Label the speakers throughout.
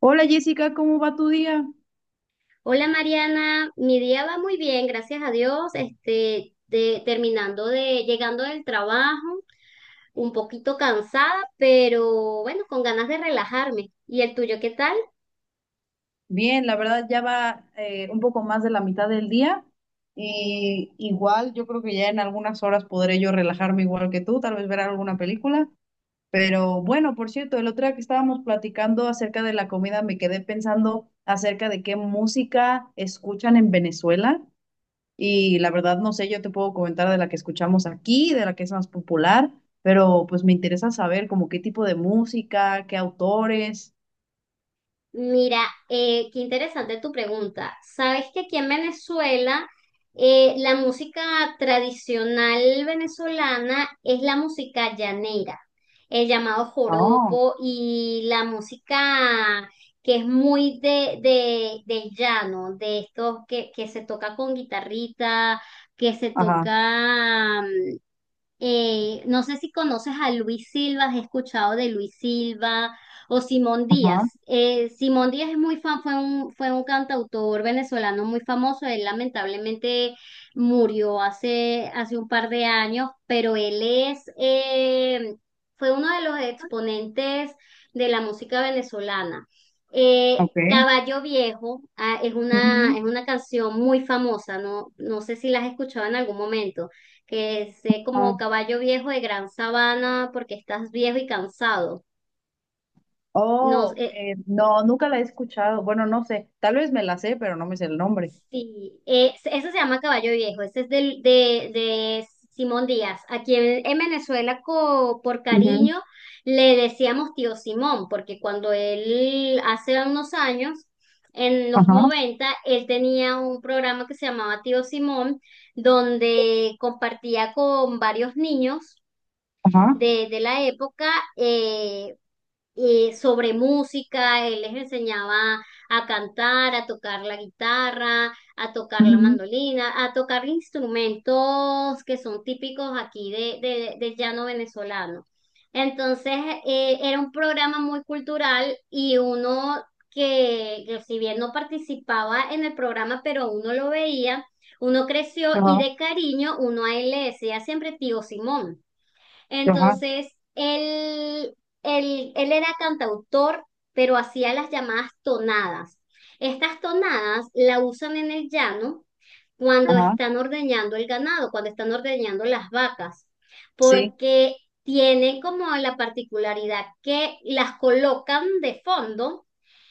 Speaker 1: Hola Jessica, ¿cómo va tu día?
Speaker 2: Hola Mariana, mi día va muy bien, gracias a Dios. Llegando del trabajo, un poquito cansada, pero bueno, con ganas de relajarme. ¿Y el tuyo qué tal?
Speaker 1: Bien, la verdad ya va un poco más de la mitad del día y igual yo creo que ya en algunas horas podré yo relajarme igual que tú, tal vez ver alguna película. Pero bueno, por cierto, el otro día que estábamos platicando acerca de la comida me quedé pensando acerca de qué música escuchan en Venezuela y la verdad no sé, yo te puedo comentar de la que escuchamos aquí, de la que es más popular, pero pues me interesa saber como qué tipo de música, qué autores.
Speaker 2: Mira, qué interesante tu pregunta. Sabes que aquí en Venezuela la música tradicional venezolana es la música llanera, el llamado
Speaker 1: No,
Speaker 2: joropo y la música que es muy del llano, de estos que se toca con guitarrita, que se
Speaker 1: ajá.
Speaker 2: toca no sé si conoces a Luis Silva, has escuchado de Luis Silva o Simón
Speaker 1: Ajá,
Speaker 2: Díaz. Simón Díaz fue un cantautor venezolano muy famoso. Él lamentablemente murió hace un par de años, pero él fue uno de los exponentes de la música venezolana.
Speaker 1: ok.
Speaker 2: Caballo Viejo, es una,
Speaker 1: Ujú.
Speaker 2: es una canción muy famosa, no, no sé si la has escuchado en algún momento que sé
Speaker 1: Ah.
Speaker 2: como caballo viejo de gran sabana porque estás viejo y cansado. No,
Speaker 1: Oh, no, nunca la he escuchado. Bueno, no sé, tal vez me la sé, pero no me sé el nombre.
Speaker 2: sí, ese se llama caballo viejo, ese es de Simón Díaz. Aquí en Venezuela, por
Speaker 1: Ujú.
Speaker 2: cariño, le decíamos tío Simón, porque cuando él, hace unos años, en los
Speaker 1: Ajá,
Speaker 2: noventa él tenía un programa que se llamaba Tío Simón, donde compartía con varios niños
Speaker 1: ajá.
Speaker 2: de la época eh, sobre música, él les enseñaba a cantar, a tocar la guitarra, a tocar la
Speaker 1: Ujú.
Speaker 2: mandolina, a tocar instrumentos que son típicos aquí del llano venezolano. Entonces, era un programa muy cultural y uno que si bien no participaba en el programa, pero uno lo veía, uno creció y
Speaker 1: Ajá,
Speaker 2: de cariño uno a él le decía siempre tío Simón.
Speaker 1: ajá,
Speaker 2: Entonces, él, él era cantautor, pero hacía las llamadas tonadas. Estas tonadas la usan en el llano cuando
Speaker 1: ajá.
Speaker 2: están ordeñando el ganado, cuando están ordeñando las vacas,
Speaker 1: Sí.
Speaker 2: porque tienen como la particularidad que las colocan de fondo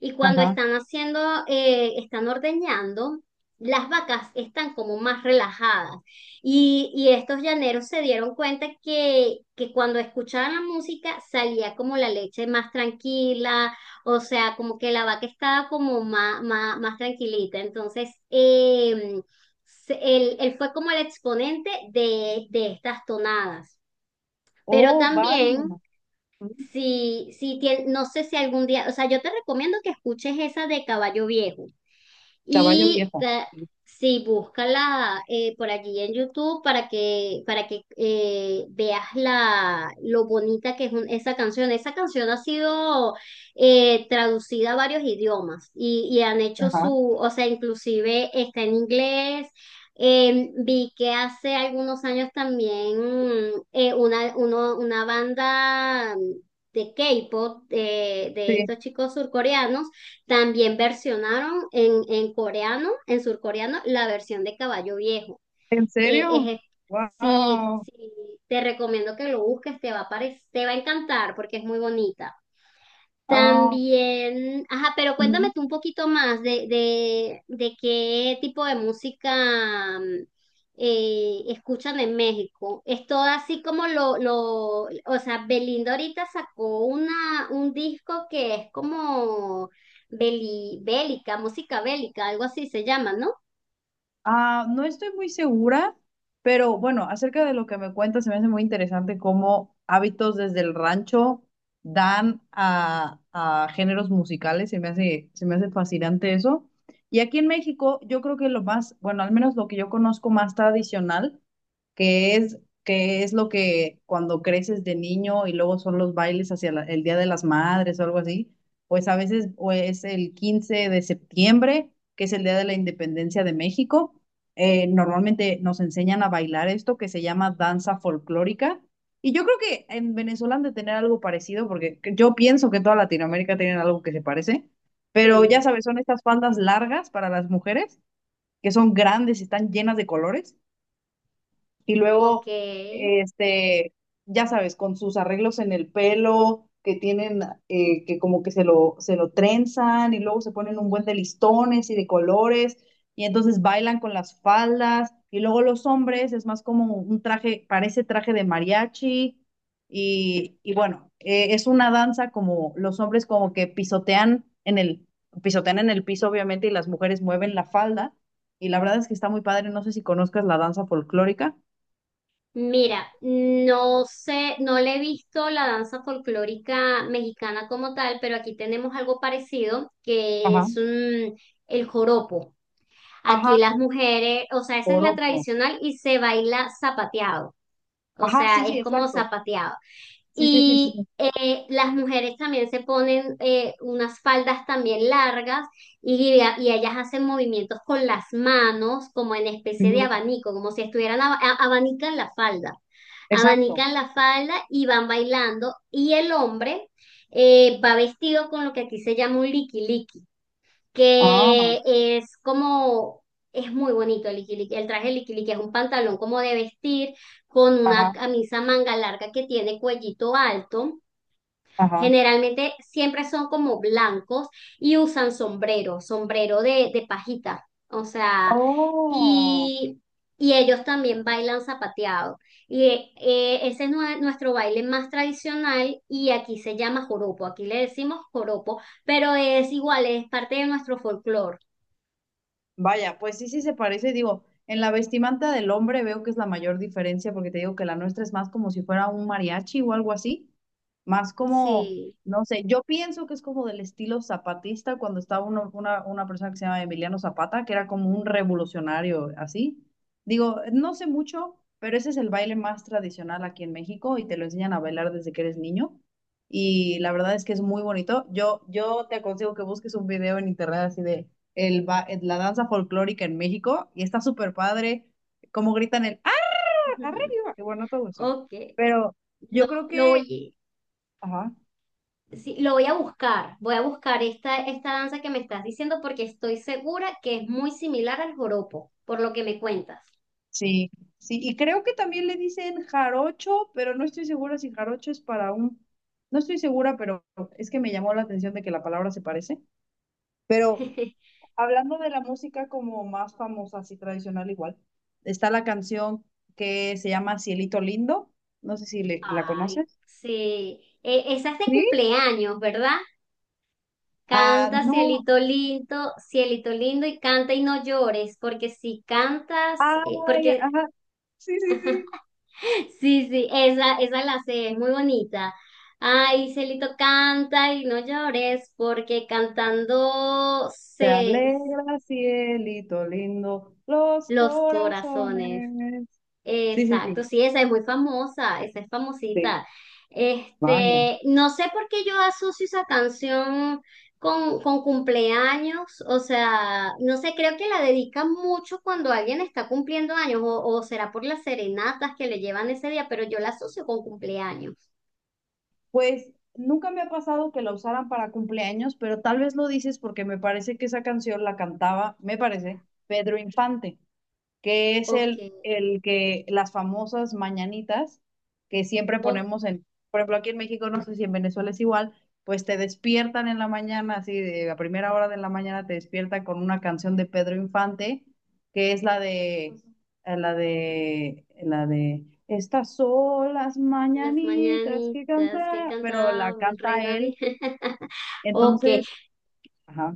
Speaker 2: y cuando
Speaker 1: Ajá.
Speaker 2: están ordeñando, las vacas están como más relajadas. Y estos llaneros se dieron cuenta que cuando escuchaban la música salía como la leche más tranquila, o sea, como que la vaca estaba como más tranquilita. Entonces, él fue como el exponente de estas tonadas. Pero
Speaker 1: Oh,
Speaker 2: también,
Speaker 1: vaya. Ujú.
Speaker 2: no sé si algún día, o sea, yo te recomiendo que escuches esa de Caballo Viejo.
Speaker 1: Caballo
Speaker 2: Y
Speaker 1: viejo.
Speaker 2: sí, búscala por allí en YouTube para que, veas lo bonita que es esa canción. Esa canción ha sido traducida a varios idiomas y
Speaker 1: Ajá.
Speaker 2: o sea, inclusive está en inglés. Vi que hace algunos años también una banda de K-pop, de
Speaker 1: Sí.
Speaker 2: estos chicos surcoreanos, también versionaron en coreano, en surcoreano, la versión de Caballo Viejo.
Speaker 1: ¿En
Speaker 2: Eh,
Speaker 1: serio?
Speaker 2: es- sí,
Speaker 1: Wow.
Speaker 2: sí, te recomiendo que lo busques, te va a encantar porque es muy bonita.
Speaker 1: Ah.
Speaker 2: También, ajá, pero cuéntame tú un poquito más de qué tipo de música escuchan en México. Es todo así como o sea, Belinda ahorita sacó un disco que es como bélica, música bélica, algo así se llama, ¿no?
Speaker 1: Ah, no estoy muy segura, pero bueno, acerca de lo que me cuentas, se me hace muy interesante cómo hábitos desde el rancho dan a géneros musicales, se me hace fascinante eso. Y aquí en México, yo creo que lo más, bueno, al menos lo que yo conozco más tradicional, que es lo que cuando creces de niño y luego son los bailes hacia el Día de las Madres o algo así, pues a veces o es el 15 de septiembre, que es el Día de la Independencia de México. Normalmente nos enseñan a bailar esto que se llama danza folclórica. Y yo creo que en Venezuela han de tener algo parecido, porque yo pienso que toda Latinoamérica tiene algo que se parece, pero ya
Speaker 2: Sí.
Speaker 1: sabes, son estas faldas largas para las mujeres, que son grandes y están llenas de colores, y
Speaker 2: Ok,
Speaker 1: luego, este, ya sabes, con sus arreglos en el pelo, que tienen, que como que se lo trenzan y luego se ponen un buen de listones y de colores y entonces bailan con las faldas y luego los hombres es más como un traje, parece traje de mariachi y bueno, es una danza como los hombres como que pisotean en el piso obviamente y las mujeres mueven la falda. Y la verdad es que está muy padre. No sé si conozcas la danza folclórica.
Speaker 2: Mira, no sé, no le he visto la danza folclórica mexicana como tal, pero aquí tenemos algo parecido que
Speaker 1: Ajá,
Speaker 2: es el joropo. Aquí
Speaker 1: ajá.
Speaker 2: las mujeres, o sea, esa es la
Speaker 1: Poroto.
Speaker 2: tradicional y se baila zapateado, o
Speaker 1: Ajá, sí,
Speaker 2: sea,
Speaker 1: sí,
Speaker 2: es como
Speaker 1: exacto.
Speaker 2: zapateado.
Speaker 1: Sí, sí, sí, sí.
Speaker 2: Y
Speaker 1: Sí.
Speaker 2: las mujeres también se ponen unas faldas también largas y, y ellas hacen movimientos con las manos como en especie de
Speaker 1: Ujú.
Speaker 2: abanico, como si estuvieran abanican la falda.
Speaker 1: Exacto.
Speaker 2: Abanican la falda y van bailando y el hombre va vestido con lo que aquí se llama un liquiliqui
Speaker 1: Ah,
Speaker 2: que es como, es muy bonito el liquiliqui, el traje liquiliqui es un pantalón como de vestir con una
Speaker 1: ajá,
Speaker 2: camisa manga larga que tiene cuellito alto.
Speaker 1: ajá.
Speaker 2: Generalmente siempre son como blancos y usan sombrero, sombrero de pajita. O sea,
Speaker 1: Oh.
Speaker 2: y, y ellos también bailan zapateado. Y nuestro baile más tradicional y aquí se llama joropo. Aquí le decimos joropo, pero es igual, es parte de nuestro folclore.
Speaker 1: Vaya, pues sí, sí se parece, digo, en la vestimenta del hombre veo que es la mayor diferencia porque te digo que la nuestra es más como si fuera un mariachi o algo así, más como,
Speaker 2: Sí.
Speaker 1: no sé, yo pienso que es como del estilo zapatista cuando estaba una persona que se llama Emiliano Zapata, que era como un revolucionario así. Digo, no sé mucho, pero ese es el baile más tradicional aquí en México y te lo enseñan a bailar desde que eres niño. Y la verdad es que es muy bonito. Yo te aconsejo que busques un video en internet así de la danza folclórica en México y está súper padre cómo gritan el ¡Ah, arriba! Y bueno, todo eso.
Speaker 2: Ok.
Speaker 1: Pero
Speaker 2: Lo,
Speaker 1: yo creo
Speaker 2: lo
Speaker 1: que,
Speaker 2: voy.
Speaker 1: ajá,
Speaker 2: Sí, lo voy a buscar esta danza que me estás diciendo porque estoy segura que es muy similar al joropo, por lo que me cuentas.
Speaker 1: sí, sí, y creo que también le dicen jarocho, pero no estoy segura si jarocho es para un, no estoy segura, pero es que me llamó la atención de que la palabra se parece. Pero hablando de la música como más famosa, así tradicional igual, está la canción que se llama Cielito Lindo, no sé si la
Speaker 2: Ay,
Speaker 1: conoces.
Speaker 2: sí, esa es de cumpleaños, ¿verdad?
Speaker 1: Ah,
Speaker 2: Canta,
Speaker 1: no.
Speaker 2: cielito lindo y canta y no llores, porque si cantas,
Speaker 1: Ay,
Speaker 2: porque
Speaker 1: ajá. Sí, sí, sí.
Speaker 2: Sí, sí, esa la sé, es muy bonita. Ay, Celito canta y no llores, porque cantando
Speaker 1: Te
Speaker 2: se,
Speaker 1: alegra, cielito lindo, los
Speaker 2: Los corazones.
Speaker 1: corazones. Sí, sí,
Speaker 2: Exacto,
Speaker 1: sí,
Speaker 2: sí, esa es muy famosa, esa es
Speaker 1: sí.
Speaker 2: famosita.
Speaker 1: Vaya.
Speaker 2: No sé por qué yo asocio esa canción con cumpleaños, o sea, no sé, creo que la dedican mucho cuando alguien está cumpliendo años, o será por las serenatas que le llevan ese día, pero yo la asocio con cumpleaños.
Speaker 1: Pues nunca me ha pasado que la usaran para cumpleaños, pero tal vez lo dices porque me parece que esa canción la cantaba, me parece, Pedro Infante. Que es
Speaker 2: Ok,
Speaker 1: el que las famosas mañanitas que siempre
Speaker 2: o
Speaker 1: ponemos en, por ejemplo, aquí en México, no sé si en Venezuela es igual, pues te despiertan en la mañana, así de a primera hora de la mañana te despiertan con una canción de Pedro Infante, que es la de, estas son las
Speaker 2: las
Speaker 1: mañanitas que
Speaker 2: mañanitas que
Speaker 1: canta, pero la
Speaker 2: cantaba el rey
Speaker 1: canta
Speaker 2: David.
Speaker 1: él,
Speaker 2: Ok,
Speaker 1: entonces, ajá,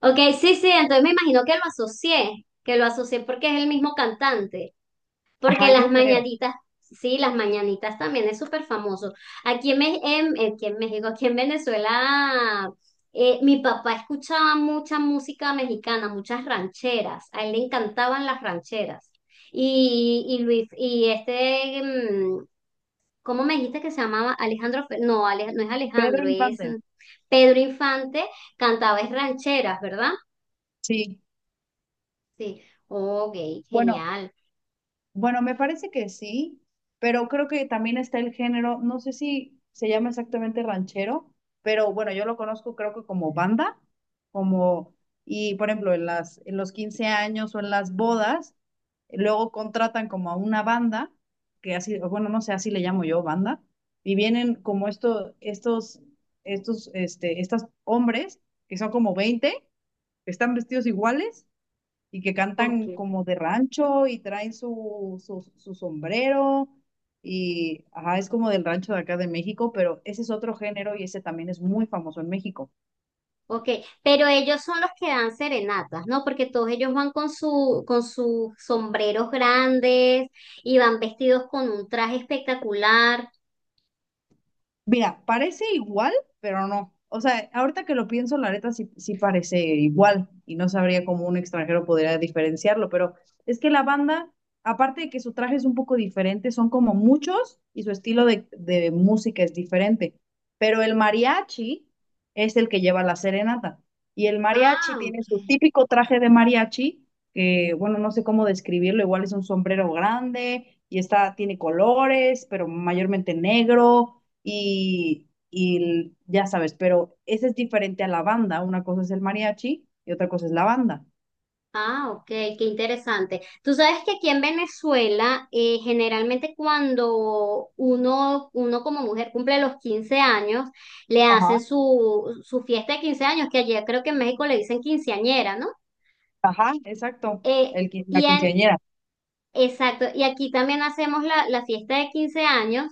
Speaker 2: Ok, sí, sí, entonces me imagino que lo asocié porque es el mismo cantante,
Speaker 1: ajá,
Speaker 2: porque las
Speaker 1: yo creo,
Speaker 2: mañanitas, sí, las mañanitas también es súper famoso. Aquí en México, aquí en Venezuela, mi papá escuchaba mucha música mexicana, muchas rancheras, a él le encantaban las rancheras. Y Luis, ¿cómo me dijiste que se llamaba? Alejandro, no es
Speaker 1: Pedro
Speaker 2: Alejandro, es
Speaker 1: Infante,
Speaker 2: Pedro Infante, cantaba es rancheras, ¿verdad?
Speaker 1: sí,
Speaker 2: Sí, ok,
Speaker 1: bueno.
Speaker 2: genial.
Speaker 1: Bueno, me parece que sí, pero creo que también está el género, no sé si se llama exactamente ranchero, pero bueno, yo lo conozco creo que como banda, como, y por ejemplo, en los 15 años o en las bodas, luego contratan como a una banda, que así, o bueno, no sé, así le llamo yo, banda, y vienen como estos hombres, que son como 20 que están vestidos iguales y que
Speaker 2: Ok,
Speaker 1: cantan como de rancho y traen su sombrero y ajá, es como del rancho de acá de México, pero ese es otro género y ese también es muy famoso en México.
Speaker 2: ok. Pero ellos son los que dan serenatas, ¿no? Porque todos ellos van con su, con sus sombreros grandes y van vestidos con un traje espectacular.
Speaker 1: Mira, parece igual, pero no. O sea, ahorita que lo pienso, la neta sí, sí parece igual y no sabría cómo un extranjero podría diferenciarlo, pero es que la banda, aparte de que su traje es un poco diferente, son como muchos y su estilo de música es diferente. Pero el mariachi es el que lleva la serenata y el
Speaker 2: Ah,
Speaker 1: mariachi tiene
Speaker 2: ok.
Speaker 1: su típico traje de mariachi, que bueno, no sé cómo describirlo, igual es un sombrero grande y está, tiene colores, pero mayormente negro y ya sabes, pero ese es diferente a la banda. Una cosa es el mariachi y otra cosa es la banda.
Speaker 2: Ah, ok, qué interesante. Tú sabes que aquí en Venezuela, generalmente cuando uno como mujer cumple los 15 años, le hacen
Speaker 1: Ajá,
Speaker 2: su fiesta de 15 años, que allá creo que en México le dicen quinceañera, ¿no?
Speaker 1: ajá. Exacto,
Speaker 2: Eh,
Speaker 1: la
Speaker 2: y en,
Speaker 1: quinceañera.
Speaker 2: Exacto, y aquí también hacemos la fiesta de 15 años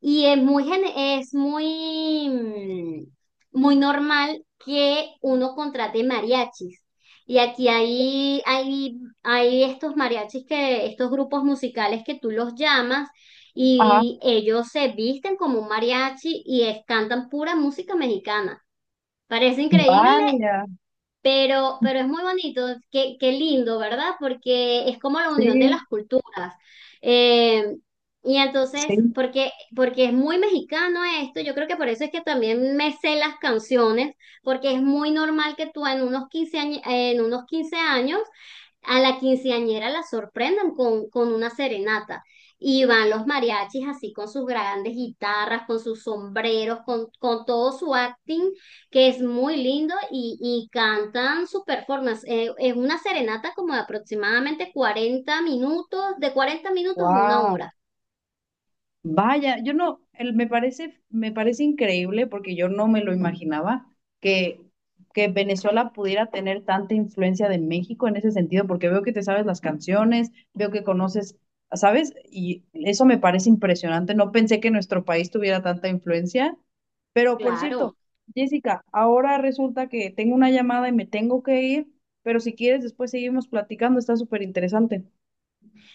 Speaker 2: y es muy, muy normal que uno contrate mariachis. Y aquí hay, hay estos mariachis estos grupos musicales que tú los llamas
Speaker 1: Ajá,
Speaker 2: y ellos se visten como un mariachi y cantan pura música mexicana. Parece increíble
Speaker 1: vaya,
Speaker 2: pero es muy bonito, qué lindo, ¿verdad? Porque es como la unión de las
Speaker 1: sí,
Speaker 2: culturas. Eh, y entonces,
Speaker 1: sí,
Speaker 2: porque es muy mexicano esto, yo creo que por eso es que también me sé las canciones, porque es muy normal que tú en unos quince años a la quinceañera la sorprendan con una serenata. Y van los mariachis así con sus grandes guitarras, con sus sombreros, con, todo su acting, que es muy lindo, y cantan su performance. Es una serenata como de aproximadamente 40 minutos, de 40 minutos a una
Speaker 1: wow.
Speaker 2: hora.
Speaker 1: Vaya, yo no, me parece increíble porque yo no me lo imaginaba que, que, Venezuela pudiera tener tanta influencia de México en ese sentido, porque veo que te sabes las canciones, veo que conoces, ¿sabes? Y eso me parece impresionante. No pensé que nuestro país tuviera tanta influencia. Pero por cierto,
Speaker 2: Claro.
Speaker 1: Jessica, ahora resulta que tengo una llamada y me tengo que ir, pero si quieres después seguimos platicando, está súper interesante.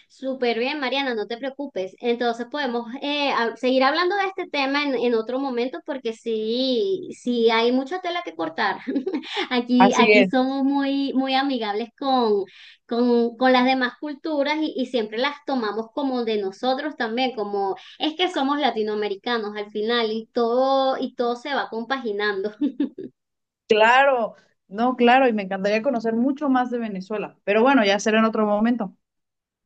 Speaker 2: Súper bien, Mariana, no te preocupes. Entonces podemos seguir hablando de este tema en otro momento porque sí, sí hay mucha tela que cortar. Aquí,
Speaker 1: Así
Speaker 2: aquí
Speaker 1: es.
Speaker 2: somos muy, muy amigables con las demás culturas y siempre las tomamos como de nosotros también, como es que somos latinoamericanos al final y todo se va compaginando.
Speaker 1: Claro, no, claro, y me encantaría conocer mucho más de Venezuela, pero bueno, ya será en otro momento.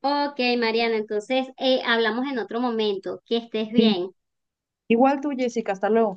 Speaker 2: Ok, Mariana, entonces hablamos en otro momento. Que estés
Speaker 1: Sí.
Speaker 2: bien.
Speaker 1: Igual tú, Jessica, hasta luego.